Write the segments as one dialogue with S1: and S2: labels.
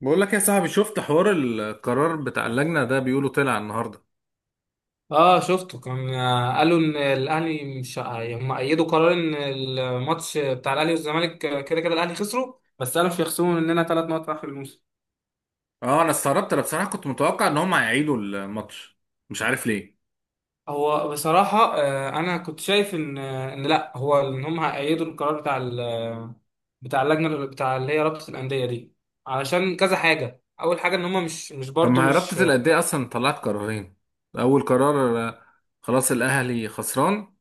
S1: بقول لك يا صاحبي، شفت حوار القرار بتاع اللجنة ده؟ بيقولوا طلع النهاردة.
S2: اه، شفته كان قالوا ان الاهلي مش هم ايدوا قرار ان الماتش بتاع الاهلي والزمالك، كده كده الاهلي خسروا، بس قالوا مش هيخصموا مننا ثلاث نقط في اخر الموسم.
S1: اه، انا استغربت. انا بصراحة كنت متوقع ان هم هيعيدوا الماتش. مش عارف ليه.
S2: هو بصراحه انا كنت شايف ان ان لا، هو ان هم هيأيدوا القرار بتاع بتاع اللجنه، بتاع اللي هي رابطه الانديه دي. علشان كذا حاجه، اول حاجه ان هم مش
S1: طب
S2: برضو
S1: ما هي
S2: مش.
S1: رابطة الأندية اصلا طلعت قرارين. اول قرار خلاص الأهلي خسران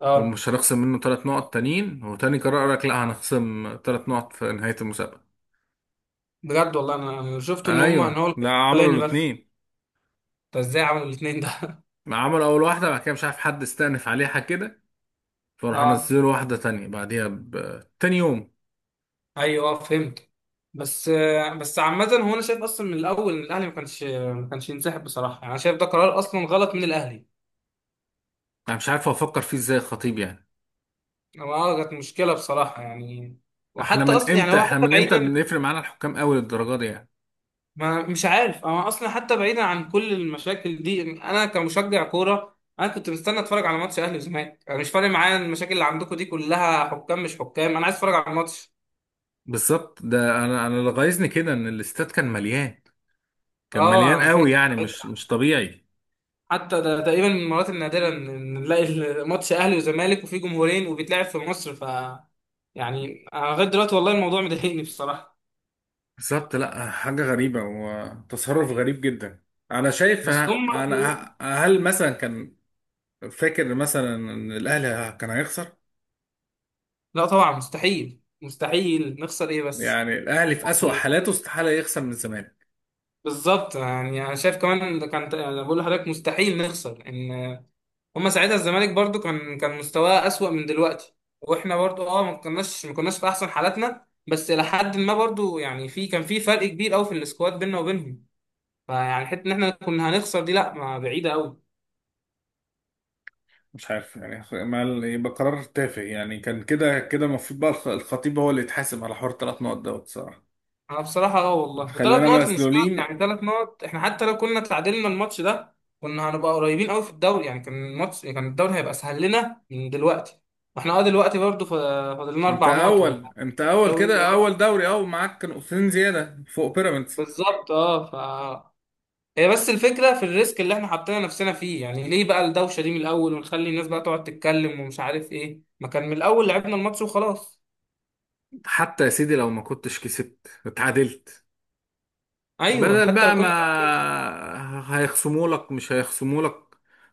S2: اه،
S1: ومش هنخصم منه 3 نقط تانيين. وتاني قرار قالك لا، هنخصم 3 نقط في نهاية المسابقة.
S2: بجد والله انا شفت ان هم ان
S1: ايوه،
S2: هو
S1: لا عملوا
S2: الاولاني بس.
S1: الاتنين.
S2: ده ازاي عملوا الاثنين ده؟
S1: عملوا اول واحدة، بعد كده مش عارف حد استأنف عليها كده، فراحوا
S2: اه،
S1: نزلوا واحدة تانية بعديها تاني يوم.
S2: ايوه، فهمت. بس عامة، هو انا شايف اصلا من الاول ان الاهلي ما كانش ينسحب بصراحة. يعني انا شايف ده قرار اصلا غلط من الاهلي.
S1: انا مش عارف افكر فيه ازاي الخطيب يعني.
S2: هو كانت مشكلة بصراحة يعني.
S1: احنا
S2: وحتى
S1: من
S2: اصلا يعني
S1: امتى،
S2: هو
S1: احنا
S2: حتى
S1: من امتى
S2: بعيدا.
S1: بنفرق معانا الحكام قوي للدرجه دي يعني؟
S2: ما مش عارف، انا اصلا حتى بعيدا عن كل المشاكل دي، انا كمشجع كورة انا كنت مستني اتفرج على ماتش اهلي وزمالك. انا مش فارق معايا المشاكل اللي عندكم دي كلها، حكام مش حكام، انا عايز اتفرج على الماتش.
S1: بالظبط، ده انا اللي غايظني كده ان الاستاد كان مليان. كان
S2: اه،
S1: مليان
S2: انا
S1: قوي،
S2: فاكر.
S1: يعني مش طبيعي.
S2: حتى ده تقريبا من المرات النادرة إن نلاقي ماتش أهلي وزمالك وفيه جمهورين وبيتلعب في مصر، ف يعني أنا لغاية دلوقتي والله الموضوع مضايقني بصراحة.
S1: بالظبط، لا حاجه غريبه وتصرف غريب جدا. انا شايف
S2: بس
S1: ه-
S2: هم.
S1: هل مثلا كان فاكر مثلا ان الاهلي كان هيخسر؟
S2: لا طبعا، مستحيل مستحيل نخسر، إيه بس.
S1: يعني الاهلي في اسوأ
S2: يعني
S1: حالاته استحاله يخسر من الزمالك.
S2: بالظبط. يعني أنا شايف كمان ده كان أنا بقول لحضرتك مستحيل نخسر. إن هم ساعتها الزمالك برضو كان مستواه أسوأ من دلوقتي. وإحنا برضو ما كناش في أحسن حالاتنا، بس إلى حد ما برضو يعني كان في فرق كبير أوي في السكواد بيننا وبينهم. فيعني حته ان احنا كنا هنخسر دي، لا ما بعيده قوي.
S1: مش عارف يعني، ما يبقى قرار تافه يعني. كان كده كده المفروض بقى الخطيب هو اللي يتحاسب على حوار 3 نقط دوت صراحه.
S2: انا بصراحه والله، ثلاث
S1: خلينا
S2: نقط المشكله
S1: مسلولين.
S2: يعني. ثلاث نقط، احنا حتى لو كنا تعادلنا الماتش ده كنا هنبقى قريبين قوي في الدوري. يعني كان الماتش الدوري هيبقى اسهل لنا من دلوقتي. واحنا دلوقتي برضه فاضل لنا اربع نقط،
S1: انت اول
S2: والدوري.
S1: كده، اول
S2: اه
S1: دوري، اول معاك نقطتين زياده فوق بيراميدز.
S2: بالظبط ف. هي بس الفكره في الريسك اللي احنا حاطين نفسنا فيه. يعني ليه بقى الدوشه دي من الاول ونخلي الناس بقى تقعد تتكلم ومش عارف ايه؟ ما كان من الاول لعبنا الماتش وخلاص.
S1: حتى يا سيدي لو ما كنتش كسبت اتعادلت،
S2: ايوه،
S1: بدل
S2: حتى لو
S1: بقى ما
S2: كنا.
S1: هيخصموا لك مش هيخصموا لك.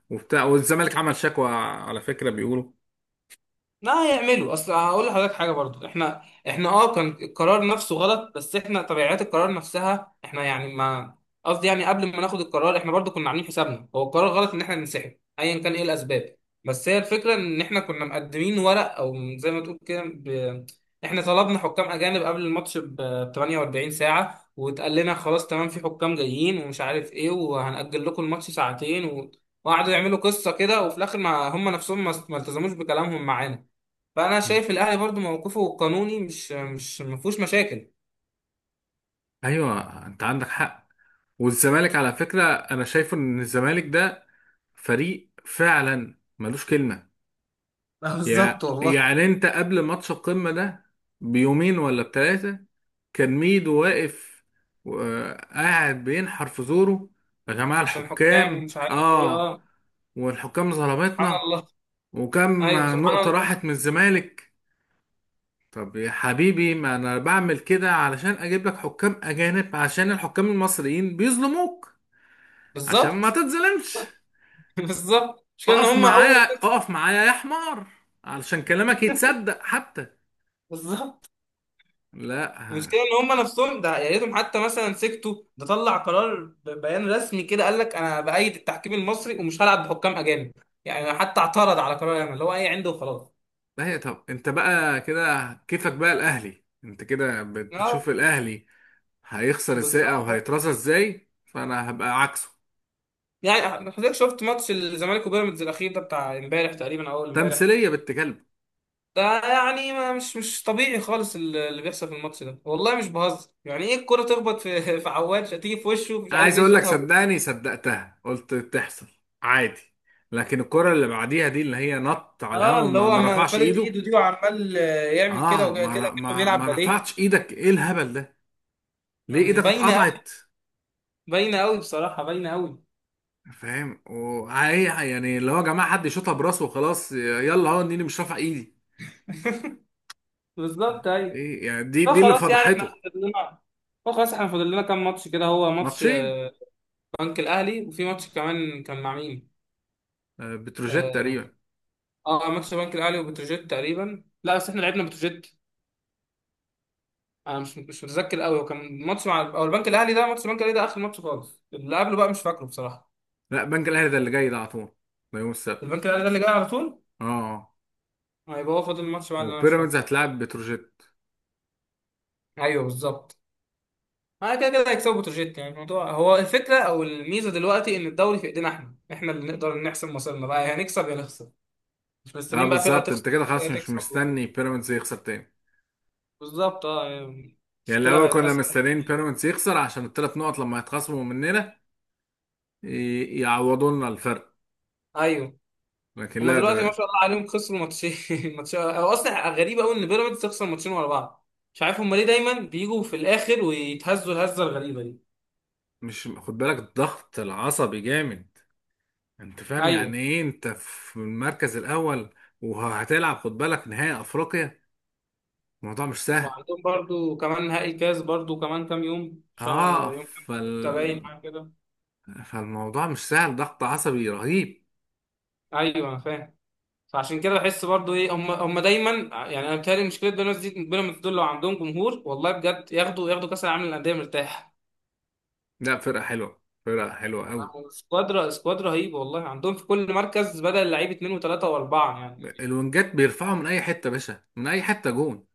S1: وبتاع والزمالك عمل شكوى على فكرة بيقولوا.
S2: لا هيعملوا، اصل هقول لحضرتك حاجه برضو. احنا كان القرار نفسه غلط، بس احنا طبيعات القرار نفسها احنا يعني ما. قصدي يعني قبل ما ناخد القرار احنا برضو كنا عاملين حسابنا هو القرار غلط ان احنا ننسحب، ايا كان ايه الاسباب. بس هي الفكره ان احنا كنا مقدمين ورق، او زي ما تقول كده احنا طلبنا حكام اجانب قبل الماتش ب 48 ساعه، واتقال لنا خلاص تمام، في حكام جايين ومش عارف ايه، وهنأجل لكم الماتش ساعتين وقعدوا يعملوا قصه كده، وفي الاخر ما هم نفسهم ما التزموش بكلامهم معانا. فانا
S1: مم.
S2: شايف الاهلي برضو موقفه القانوني مش ما فيهوش مشاكل.
S1: ايوه، انت عندك حق. والزمالك على فكرة، انا شايف ان الزمالك ده فريق فعلا ملوش كلمة.
S2: بالظبط والله.
S1: يعني انت قبل ماتش القمة ده بيومين ولا بتلاتة كان ميدو واقف، قاعد بينحر في زوره: يا جماعة
S2: عشان حكام
S1: الحكام
S2: ومش عارف ايه.
S1: اه،
S2: اه،
S1: والحكام
S2: سبحان
S1: ظلمتنا،
S2: الله.
S1: وكم
S2: ايوه، سبحان
S1: نقطة
S2: الله.
S1: راحت من الزمالك. طب يا حبيبي، ما انا بعمل كده علشان اجيب لك حكام اجانب عشان الحكام المصريين بيظلموك، عشان ما
S2: بالظبط.
S1: تتظلمش.
S2: بالظبط، المشكله
S1: اقف
S2: ان هم
S1: معايا،
S2: اول.
S1: اقف معايا يا حمار، علشان كلامك يتصدق حتى.
S2: بالظبط،
S1: لا.
S2: المشكله ان هم نفسهم ده، يا ريتهم حتى مثلا سكتوا، ده طلع قرار ببيان رسمي كده، قال لك انا بأيد التحكيم المصري ومش هلعب بحكام اجانب. يعني حتى اعترض على قرار ياما اللي هو ايه عنده وخلاص.
S1: ما هي طب، انت بقى كده كيفك بقى الاهلي. انت كده
S2: اه،
S1: بتشوف الاهلي هيخسر ازاي او
S2: بالظبط
S1: هيترصى ازاي، فانا هبقى عكسه.
S2: يعني. حضرتك شفت ماتش الزمالك وبيراميدز الاخير ده، بتاع امبارح تقريبا او اول امبارح؟
S1: تمثيليه بنت كلب.
S2: ده يعني، ما مش طبيعي خالص اللي بيحصل في الماتش ده، والله مش بهزر. يعني ايه الكرة تخبط في في عواد، تيجي في وشه مش
S1: انا
S2: عارف
S1: عايز
S2: ايه،
S1: اقول لك،
S2: شوطها جول.
S1: صدقني صدقتها، قلت تحصل عادي. لكن الكره اللي بعديها دي اللي هي نط على
S2: اه،
S1: الهوا
S2: اللي هو
S1: ما
S2: ما
S1: رفعش
S2: فلت
S1: ايده.
S2: ايده دي، وعمال يعمل كده
S1: اه،
S2: وكده
S1: ما,
S2: كده
S1: ر-
S2: كأنه
S1: ما
S2: بيلعب
S1: ما
S2: باليه.
S1: رفعتش ايدك، ايه الهبل ده؟ ليه
S2: مش
S1: ايدك
S2: باينه قوي.
S1: اتقطعت؟
S2: باينه قوي بصراحه، باينه قوي.
S1: فاهم؟ وهي يعني، اللي هو يا جماعه حد يشوطها براسه وخلاص، يلا هو اني مش رافع ايدي،
S2: بالظبط، ايوه.
S1: ايه يعني؟ دي
S2: لا
S1: دي اللي
S2: خلاص، يعني احنا
S1: فضحته.
S2: فاضل لنا. لا خلاص، احنا فاضل لنا كام ماتش كده؟ هو ماتش
S1: ماتشين.
S2: بنك الاهلي، وفي ماتش كمان كان مع مين؟
S1: بتروجيت
S2: اه.
S1: تقريبا.
S2: ماتش بنك الاهلي وبتروجيت تقريبا. لا بس احنا لعبنا بتروجيت. انا مش متذكر قوي هو كان ماتش مع، او البنك الاهلي ده. ماتش البنك الاهلي ده اخر ماتش خالص، اللي قبله بقى مش فاكره بصراحه.
S1: لا، بنك الاهلي ده اللي جاي ده على طول. ده يوم السبت.
S2: البنك الاهلي ده اللي جاي على طول،
S1: اه، آه.
S2: هيبقى هو. فاضل الماتش بقى اللي انا مش
S1: وبيراميدز
S2: فاكره.
S1: هتلعب بتروجيت.
S2: ايوه بالظبط. انا كده كده هيكسبوا بتروجيت، يعني الموضوع. هو الفكره او الميزه دلوقتي ان الدوري في ايدينا، احنا اللي نقدر نحسم مصيرنا بقى، يا هنكسب يا نخسر. مش
S1: اه،
S2: مستنيين بقى فرقه
S1: بالظبط.
S2: تخسر
S1: انت
S2: او
S1: كده خلاص
S2: فرقه
S1: مش
S2: تكسب
S1: مستني
S2: وكده.
S1: بيراميدز يخسر تاني.
S2: بالظبط، يعني
S1: يعني
S2: المشكله
S1: الاول
S2: بقت
S1: كنا
S2: اسهل.
S1: مستنيين بيراميدز يخسر عشان الثلاث نقط لما يتخصموا مننا يعوضوا لنا الفرق.
S2: ايوه.
S1: لكن
S2: هما
S1: لا،
S2: دلوقتي ما
S1: ده
S2: شاء الله عليهم خسروا ماتشين ماتشين. هو اصلا غريب قوي ان بيراميدز تخسر ماتشين ورا بعض، مش عارف هما ليه دايما بيجوا في الاخر ويتهزوا الهزه الغريبه دي.
S1: مش خد بالك الضغط العصبي جامد؟ انت فاهم
S2: ايوه.
S1: يعني ايه انت في المركز الاول وهتلعب، خد بالك نهائي افريقيا؟ الموضوع مش سهل.
S2: وعندهم برضو كمان نهائي كاس، برضو كمان كام يوم، شهر،
S1: اه،
S2: يوم كام، ستة، باين حاجه كده.
S1: فالموضوع مش سهل، ضغط عصبي رهيب.
S2: ايوه انا فاهم. فعشان كده بحس برضو ايه هم دايما. يعني انا بتهيألي مشكله بيراميدز دي، بيراميدز دول لو عندهم جمهور والله بجد ياخدوا كاس العالم للانديه مرتاح.
S1: لا، فرقة حلوة، فرقة حلوة قوي.
S2: عندهم سكواد سكواد رهيب، والله عندهم في كل مركز بدل لعيب اتنين وتلاته واربعه يعني.
S1: الونجات بيرفعوا من اي حتة يا باشا، من اي حتة جون.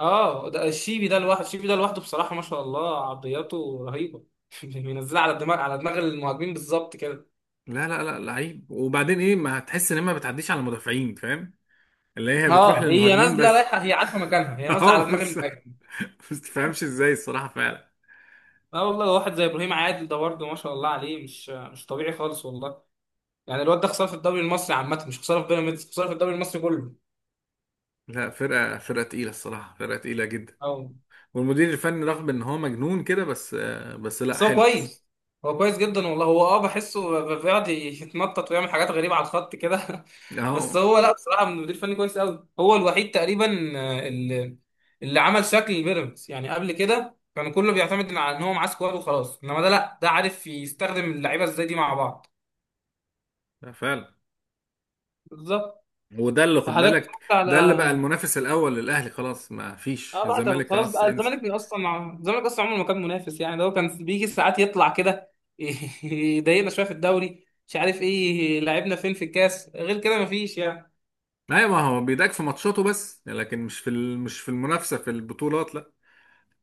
S2: اه. ده الشيبي ده لوحده، الشيبي ده لوحده بصراحة ما شاء الله عرضياته رهيبة. منزلها على دماغ، على دماغ المهاجمين بالظبط كده.
S1: لا لا لا، لعيب. وبعدين ايه، ما هتحس ان هي ما بتعديش على المدافعين، فاهم؟ اللي هي بتروح
S2: اه. هي
S1: للمهاجمين
S2: نازلة
S1: بس.
S2: رايحة، هي عارفة مكانها، هي نازلة على
S1: اه
S2: دماغ
S1: بس،
S2: المهاجم.
S1: بس تفهمش ازاي الصراحة فعلا.
S2: اه والله، واحد زي ابراهيم عادل ده برضه ما شاء الله عليه مش طبيعي خالص والله. يعني الواد ده خسارة في الدوري المصري عامة، مش خسارة في بيراميدز، خسارة في الدوري المصري كله.
S1: لا، فرقة فرقة تقيلة الصراحة، فرقة تقيلة جدا.
S2: اه،
S1: والمدير الفني رغم ان هو مجنون كده بس، بس لا
S2: بس هو
S1: حلو.
S2: كويس. هو كويس جدا والله. هو بحسه بيقعد يتنطط ويعمل حاجات غريبة على الخط كده. بس
S1: اه.
S2: هو لا بصراحة، من المدير الفني كويس قوي، هو الوحيد تقريبا. آه، اللي اللي عمل شكل البيراميدز. يعني قبل كده كان كله بيعتمد على ان هو معاه سكواد وخلاص، انما ده لا، ده عارف يستخدم اللعيبة ازاي دي مع بعض.
S1: لا، فعلا.
S2: بالظبط.
S1: وده اللي خد
S2: فحضرتك
S1: بالك.
S2: اتفرجت على.
S1: ده اللي بقى المنافس الاول للاهلي. خلاص ما فيش
S2: اه، بعد
S1: الزمالك،
S2: خلاص
S1: خلاص
S2: بقى
S1: انسى.
S2: الزمالك اصلا، الزمالك اصلا عمره ما كان منافس. يعني ده هو كان بيجي ساعات يطلع كده يضايقنا شويه في الدوري مش عارف ايه، لعبنا فين في الكاس، غير كده مفيش يعني.
S1: لا، ما هو بيضايقك في ماتشاته بس، لكن مش في مش في المنافسه في البطولات، لا.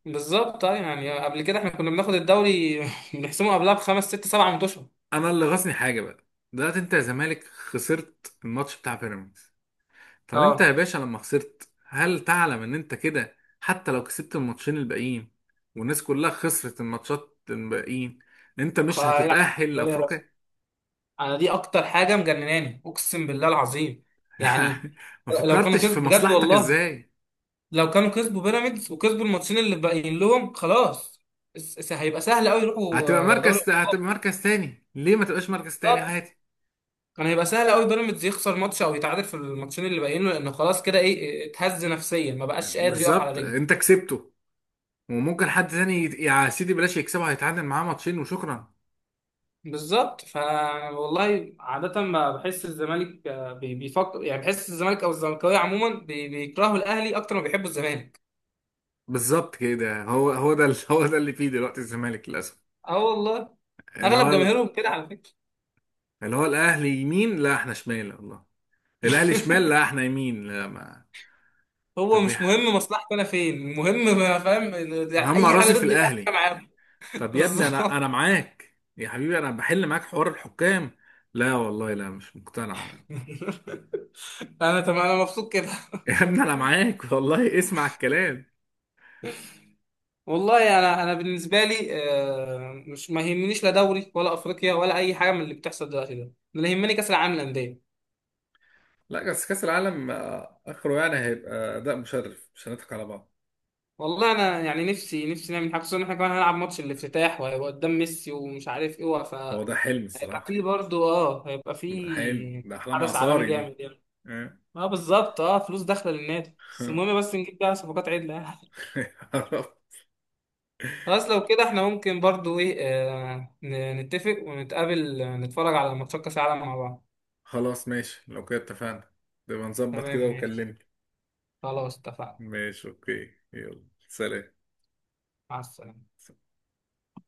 S2: بالظبط يعني، قبل كده احنا كنا بناخد الدوري بنحسمه قبلها بخمس ست سبع ماتشات.
S1: انا اللي غاصني حاجه بقى: دلوقتي انت يا زمالك خسرت الماتش بتاع بيراميدز. طب انت يا
S2: اه
S1: باشا، لما خسرت، هل تعلم ان انت كده حتى لو كسبت الماتشين الباقيين والناس كلها خسرت الماتشات الباقيين، انت مش
S2: يلعب
S1: هتتأهل
S2: بالي يا بس.
S1: لافريقيا؟
S2: انا دي اكتر حاجه مجنناني اقسم بالله العظيم. يعني
S1: ما
S2: لو كانوا
S1: فكرتش
S2: كسب
S1: في
S2: بجد
S1: مصلحتك
S2: والله،
S1: ازاي.
S2: لو كانوا كسبوا بيراميدز وكسبوا الماتشين اللي باقيين لهم خلاص، هيبقى سهل قوي يروحوا دوري الابطال.
S1: هتبقى مركز تاني، ليه ما تبقاش مركز تاني
S2: بالظبط.
S1: عادي؟
S2: كان هيبقى سهل قوي بيراميدز يخسر ماتش او يتعادل في الماتشين اللي باقيين له، لانه خلاص كده ايه، اتهز نفسيا ما بقاش قادر يقف على
S1: بالظبط،
S2: رجله.
S1: انت كسبته. وممكن حد تاني يا سيدي بلاش يكسبه، هيتعادل معاه ماتشين وشكرا.
S2: بالظبط ف. والله عادة ما بحس الزمالك بيفكر. يعني بحس الزمالك او الزملكاويه عموما بيكرهوا الاهلي اكتر ما بيحبوا الزمالك.
S1: بالظبط كده. هو ده اللي فيه دلوقتي الزمالك للاسف.
S2: اه والله،
S1: اللي
S2: اغلب
S1: هو ال-
S2: جماهيرهم كده على فكرة.
S1: اللي هو الاهلي يمين، لا احنا شمال والله. الاهلي شمال، لا احنا يمين، لا ما...
S2: هو
S1: طب يا
S2: مش مهم مصلحته، انا فين المهم، ما فاهم.
S1: مهما
S2: اي حاجه
S1: راسي في
S2: ضد الاهلي
S1: الاهلي.
S2: أنا معاهم.
S1: طب يا ابني، انا
S2: بالظبط.
S1: انا معاك يا حبيبي، انا بحل معاك حوار الحكام. لا والله، لا مش مقتنع انا.
S2: انا تمام، انا مبسوط كده.
S1: يا ابني انا معاك والله، اسمع الكلام.
S2: والله انا بالنسبه لي مش ما يهمنيش لا دوري ولا افريقيا ولا اي حاجه من اللي بتحصل دلوقتي ده، أنا اللي يهمني كاس العالم للانديه.
S1: لا بس كأس العالم آخره يعني هيبقى أداء مشرف، مش هنضحك على بعض.
S2: والله انا يعني نفسي نفسي نعمل حاجه، خصوصا ان احنا كمان هنلعب ماتش الافتتاح وهيبقى قدام ميسي ومش عارف ايه ف.
S1: هو ده حلم
S2: هيبقى
S1: الصراحة.
S2: فيه برضه هيبقى
S1: ده حلم،
S2: فيه
S1: ده أحلام
S2: حدث عالمي
S1: عصاري دي.
S2: جامد يعني.
S1: آه.
S2: ما بالظبط. اه فلوس داخله للنادي، بس المهم بس نجيب بقى صفقات عدله يعني. خلاص لو كده احنا ممكن برضو ايه. نتفق ونتقابل، نتفرج على ماتشات كاس العالم مع بعض.
S1: خلاص ماشي، لو كده اتفقنا. نبقى نظبط كده
S2: تمام، ماشي.
S1: وكلمني.
S2: خلاص، اتفقنا.
S1: ماشي، أوكي، يلا سلام.
S2: مع السلامه.